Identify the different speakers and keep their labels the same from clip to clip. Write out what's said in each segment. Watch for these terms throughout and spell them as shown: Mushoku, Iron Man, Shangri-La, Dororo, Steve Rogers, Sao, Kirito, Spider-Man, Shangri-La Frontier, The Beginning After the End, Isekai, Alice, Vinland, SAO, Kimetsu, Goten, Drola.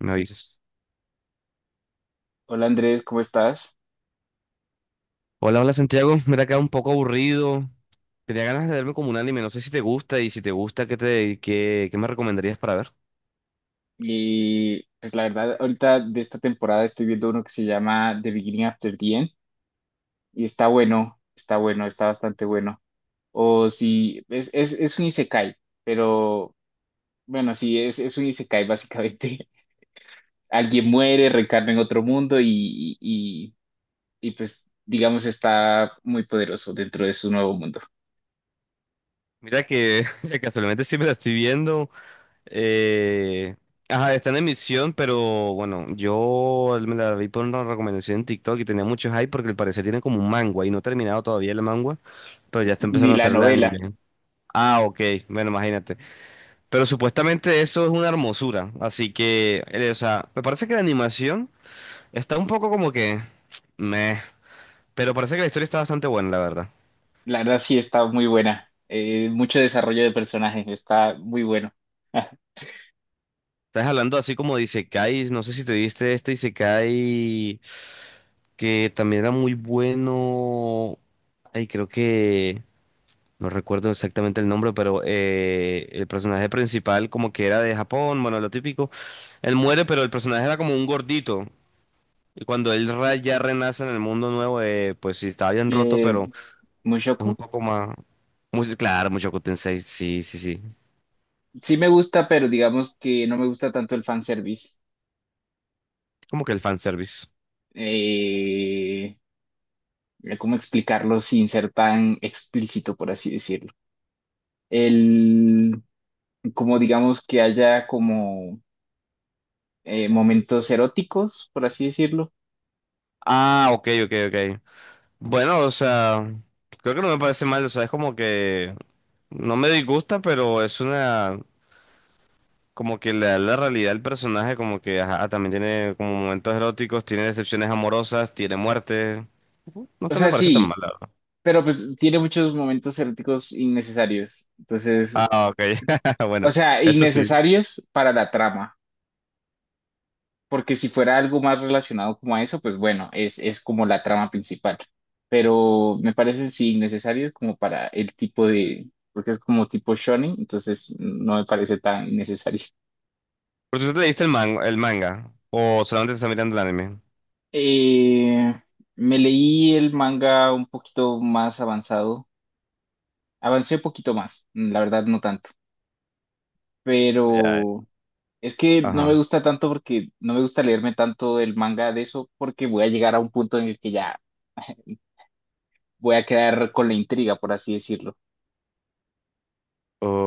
Speaker 1: Me avisas.
Speaker 2: Hola Andrés, ¿cómo estás?
Speaker 1: Hola, hola Santiago. Mira, acá un poco aburrido. Tenía ganas de verme como un anime. No sé si te gusta y si te gusta, ¿qué me recomendarías para ver?
Speaker 2: Y pues la verdad, ahorita de esta temporada estoy viendo uno que se llama The Beginning After the End y está bueno, está bueno, está bastante bueno. O si es un isekai, pero bueno, sí, es un isekai básicamente. Alguien muere, reencarna en otro mundo y, y y, pues digamos está muy poderoso dentro de su nuevo mundo.
Speaker 1: Mira que casualmente sí me la estoy viendo. eh, Ajá, está en emisión, pero bueno, yo me la vi por una recomendación en TikTok y tenía mucho hype porque al parecer tiene como un manga y no he terminado todavía el manga, pero ya está
Speaker 2: Ni
Speaker 1: empezando a
Speaker 2: la
Speaker 1: hacer el
Speaker 2: novela,
Speaker 1: anime. Ah, ok, bueno, imagínate. Pero supuestamente eso es una hermosura, así que, o sea, me parece que la animación está un poco como que meh, pero parece que la historia está bastante buena, la verdad.
Speaker 2: la verdad sí está muy buena. Mucho desarrollo de personajes, está muy bueno.
Speaker 1: Estás hablando así como de isekais. No sé si te viste este isekai que también era muy bueno. Ay, creo que no recuerdo exactamente el nombre, pero el personaje principal como que era de Japón, bueno, lo típico. Él muere, pero el personaje era como un gordito. Y cuando ya renace en el mundo nuevo, pues sí, estaba bien roto, pero
Speaker 2: Eh,
Speaker 1: es un
Speaker 2: Mushoku.
Speaker 1: poco más muy, claro, mucho Goten. Sí, sí, sí.
Speaker 2: Sí me gusta, pero digamos que no me gusta tanto el fanservice.
Speaker 1: Como que el fanservice.
Speaker 2: Eh, ¿Cómo explicarlo sin ser tan explícito, por así decirlo? El, Como digamos que haya como momentos eróticos, por así decirlo.
Speaker 1: Ah, ok, ok, ok. Bueno, o sea, creo que no me parece mal, o sea, es como que no me disgusta, pero es una, como que le da la realidad al personaje, como que, ajá, también tiene como momentos eróticos, tiene decepciones amorosas, tiene muerte. No
Speaker 2: O
Speaker 1: te me
Speaker 2: sea,
Speaker 1: parece tan mal,
Speaker 2: sí,
Speaker 1: la verdad.
Speaker 2: pero pues tiene muchos momentos eróticos innecesarios. Entonces,
Speaker 1: Ah, ok. Bueno,
Speaker 2: o sea,
Speaker 1: eso sí.
Speaker 2: innecesarios para la trama. Porque si fuera algo más relacionado como a eso, pues bueno, es como la trama principal. Pero me parece sí innecesario como para el tipo de, porque es como tipo shonen, entonces no me parece tan innecesario.
Speaker 1: Pero tú te leíste el el manga, o solamente te estás mirando el anime.
Speaker 2: Eh, Me leí el manga un poquito más avanzado. Avancé un poquito más, la verdad no tanto.
Speaker 1: Ya, eh.
Speaker 2: Pero es que no me
Speaker 1: Ajá.
Speaker 2: gusta tanto porque no me gusta leerme tanto el manga de eso porque voy a llegar a un punto en el que ya voy a quedar con la intriga, por así decirlo.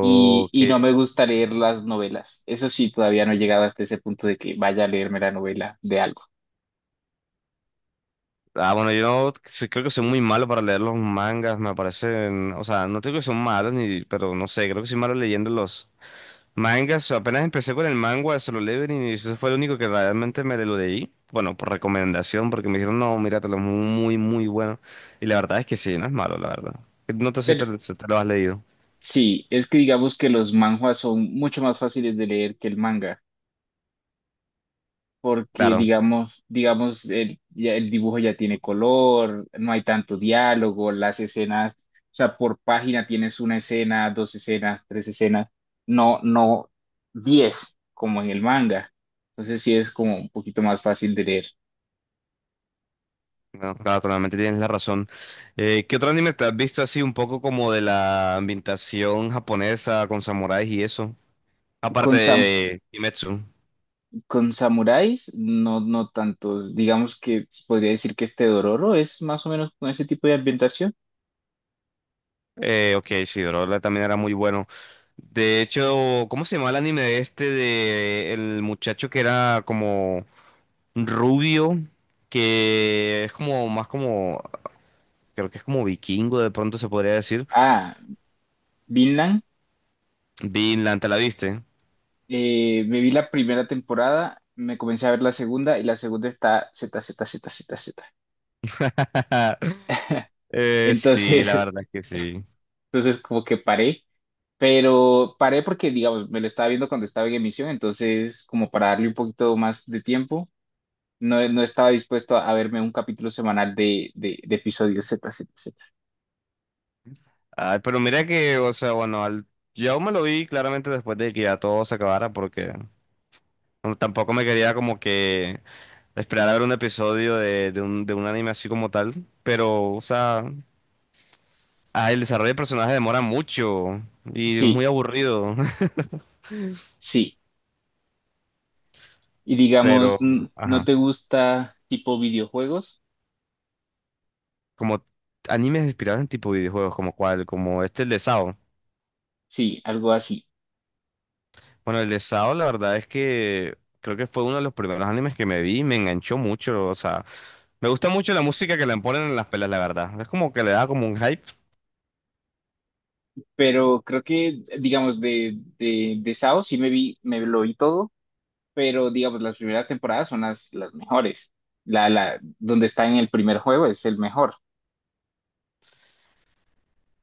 Speaker 2: Y, y no me gusta leer las novelas. Eso sí, todavía no he llegado hasta ese punto de que vaya a leerme la novela de algo.
Speaker 1: Ah, bueno, yo no soy- creo que soy muy malo para leer los mangas, me parecen, o sea, no creo que son malos, ni, pero no sé, creo que soy malo leyendo los mangas. Apenas empecé con el manga, se lo leo y eso fue lo único que realmente me lo leí. Bueno, por recomendación, porque me dijeron, no, míratelo, es muy, muy bueno. Y la verdad es que sí, no es malo, la verdad. No te sé si te, si te lo has leído.
Speaker 2: Sí, es que digamos que los manhwas son mucho más fáciles de leer que el manga, porque
Speaker 1: Claro,
Speaker 2: digamos, el, ya el dibujo ya tiene color, no hay tanto diálogo, las escenas, o sea, por página tienes una escena, dos escenas, tres escenas, no, no diez, como en el manga. Entonces sí es como un poquito más fácil de leer.
Speaker 1: no, claro, totalmente tienes la razón. ¿Qué otro anime te has visto así un poco como de la ambientación japonesa con samuráis y eso? Aparte
Speaker 2: Con, sam-
Speaker 1: de Kimetsu.
Speaker 2: con samuráis, no, no tantos. Digamos que podría decir que este Dororo es más o menos con ese tipo de ambientación.
Speaker 1: Ok, sí, Drola también era muy bueno. De hecho, ¿cómo se llama el anime de este de el muchacho que era como rubio? Que es como más como, creo que es como vikingo, de pronto se podría decir.
Speaker 2: Ah, Vinland.
Speaker 1: Vinland, ¿te la viste?
Speaker 2: Me vi la primera temporada, me comencé a ver la segunda y la segunda está z z z z z.
Speaker 1: Sí, la
Speaker 2: Entonces,
Speaker 1: verdad es que sí.
Speaker 2: entonces como que paré, pero paré porque, digamos, me lo estaba viendo cuando estaba en emisión, entonces como para darle un poquito más de tiempo, no, no estaba dispuesto a verme un capítulo semanal de, de episodios z Z, Z.
Speaker 1: Ay, pero mira que, o sea, bueno, yo me lo vi claramente después de que ya todo se acabara porque no, tampoco me quería como que esperar a ver un episodio de un anime así como tal. Pero, o sea, ah, el desarrollo de personaje demora mucho y es
Speaker 2: Sí.
Speaker 1: muy aburrido.
Speaker 2: Sí, y digamos,
Speaker 1: Pero,
Speaker 2: ¿no
Speaker 1: ajá.
Speaker 2: te gusta tipo videojuegos?
Speaker 1: Como animes inspirados en tipo videojuegos, como cuál, como este, el de Sao.
Speaker 2: Sí, algo así.
Speaker 1: Bueno, el de Sao, la verdad es que creo que fue uno de los primeros animes que me vi y me enganchó mucho. O sea, me gusta mucho la música que le ponen en las pelas, la verdad. Es como que le da como un hype.
Speaker 2: Pero creo que, digamos, de SAO sí me vi, me lo vi todo, pero digamos, las primeras temporadas son las mejores. La donde está en el primer juego es el mejor.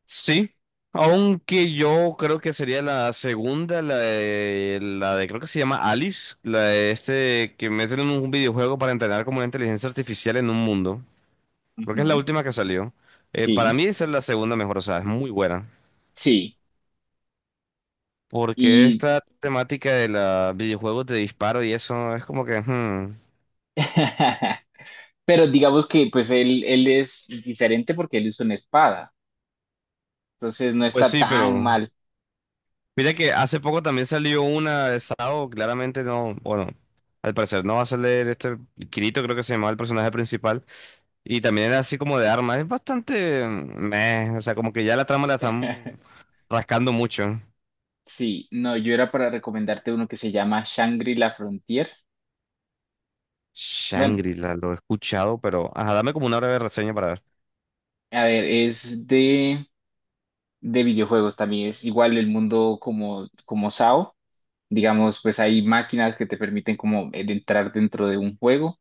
Speaker 1: Sí, aunque yo creo que sería la segunda, la de creo que se llama Alice, la de este que meten en un videojuego para entrenar como una inteligencia artificial en un mundo. Creo que es la
Speaker 2: Ujú,
Speaker 1: última que salió. Para
Speaker 2: sí,
Speaker 1: mí esa es la segunda mejor, o sea, es muy buena.
Speaker 2: sí.
Speaker 1: Porque
Speaker 2: Y,
Speaker 1: esta temática de los videojuegos de disparo y eso es como que hmm.
Speaker 2: pero digamos que pues él es diferente porque él usa una espada, entonces no
Speaker 1: Pues
Speaker 2: está
Speaker 1: sí,
Speaker 2: tan
Speaker 1: pero
Speaker 2: mal.
Speaker 1: mira que hace poco también salió una de Sao, claramente no, bueno, al parecer no va a salir este Kirito, creo que se llamaba el personaje principal, y también era así como de armas, es bastante meh, o sea, como que ya la trama la están rascando mucho.
Speaker 2: Sí, no, yo era para recomendarte uno que se llama Shangri-La Frontier. Bueno,
Speaker 1: Shangri-La, lo he escuchado, pero ajá, dame como una breve reseña para ver.
Speaker 2: a ver, es de videojuegos también, es igual el mundo como SAO. Digamos, pues hay máquinas que te permiten como de entrar dentro de un juego,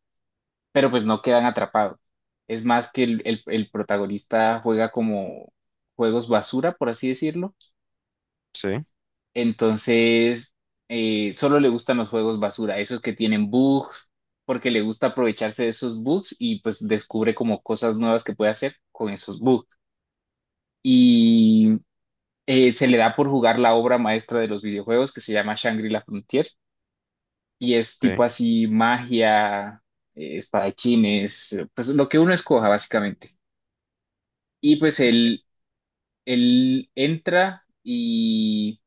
Speaker 2: pero pues no quedan atrapados. Es más que el, el protagonista juega como juegos basura, por así decirlo.
Speaker 1: Sí,
Speaker 2: Entonces, solo le gustan los juegos basura, esos que tienen bugs, porque le gusta aprovecharse de esos bugs y pues descubre como cosas nuevas que puede hacer con esos bugs. Y se le da por jugar la obra maestra de los videojuegos que se llama Shangri-La Frontier y es
Speaker 1: ok.
Speaker 2: tipo así magia, espadachines, pues lo que uno escoja básicamente. Y pues él entra y,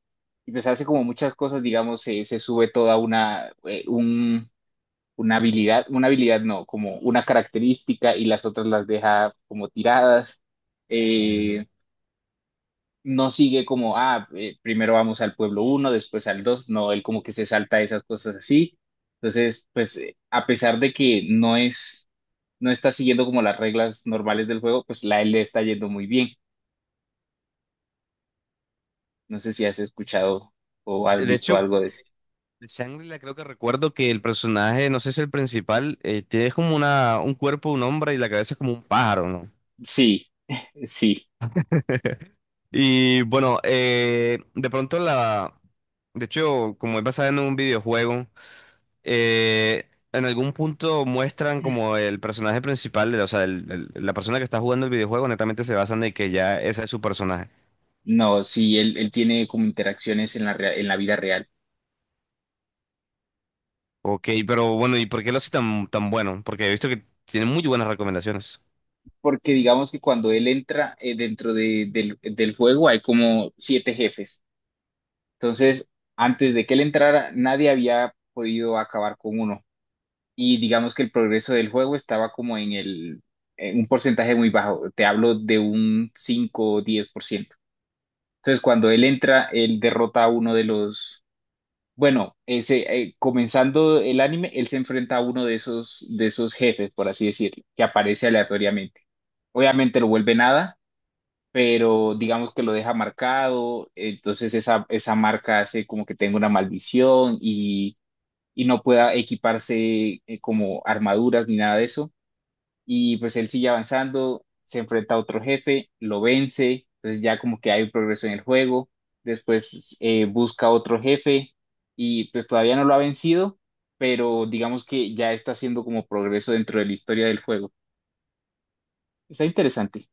Speaker 2: y, pues hace como muchas cosas, digamos, se sube toda una, una habilidad no, como una característica y las otras las deja como tiradas. Eh, no sigue como, ah, primero vamos al pueblo uno después al 2 no, él como que se salta esas cosas así. Entonces, pues a pesar de que no es, no está siguiendo como las reglas normales del juego, pues la él le está yendo muy bien. No sé si has escuchado o has
Speaker 1: De
Speaker 2: visto
Speaker 1: hecho,
Speaker 2: algo de eso.
Speaker 1: de Shangri-La creo que recuerdo que el personaje, no sé si el principal, tiene como una, un cuerpo, un hombre y la cabeza es como un pájaro, ¿no?
Speaker 2: Sí, sí.
Speaker 1: Y bueno, de pronto la de hecho, como es basada en un videojuego, en algún punto muestran como el personaje principal, o sea, la persona que está jugando el videojuego, netamente se basan en que ya ese es su personaje.
Speaker 2: No, sí, él tiene como interacciones en en la vida real.
Speaker 1: Ok, pero bueno, ¿y por qué lo hace tan, tan bueno? Porque he visto que tiene muy buenas recomendaciones.
Speaker 2: Porque digamos que cuando él entra dentro del juego hay como siete jefes. Entonces, antes de que él entrara, nadie había podido acabar con uno. Y digamos que el progreso del juego estaba como en el, en un porcentaje muy bajo. Te hablo de un 5 o 10%. Entonces, cuando él entra, él derrota a uno de los. Bueno, ese, comenzando el anime, él se enfrenta a uno de esos, jefes, por así decirlo, que aparece aleatoriamente. Obviamente lo vuelve nada, pero digamos que lo deja marcado, entonces esa marca hace como que tenga una maldición y no pueda equiparse como armaduras ni nada de eso y pues él sigue avanzando, se enfrenta a otro jefe, lo vence, entonces ya como que hay un progreso en el juego, después busca otro jefe y pues todavía no lo ha vencido, pero digamos que ya está haciendo como progreso dentro de la historia del juego. Está interesante.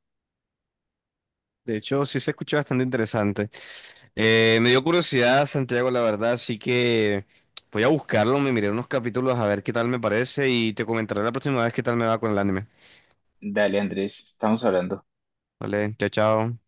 Speaker 1: De hecho, sí se escucha bastante interesante. Me dio curiosidad, Santiago, la verdad, así que voy a buscarlo, me miré unos capítulos a ver qué tal me parece y te comentaré la próxima vez qué tal me va con el anime.
Speaker 2: Dale, Andrés, estamos hablando.
Speaker 1: Vale, chao, chao.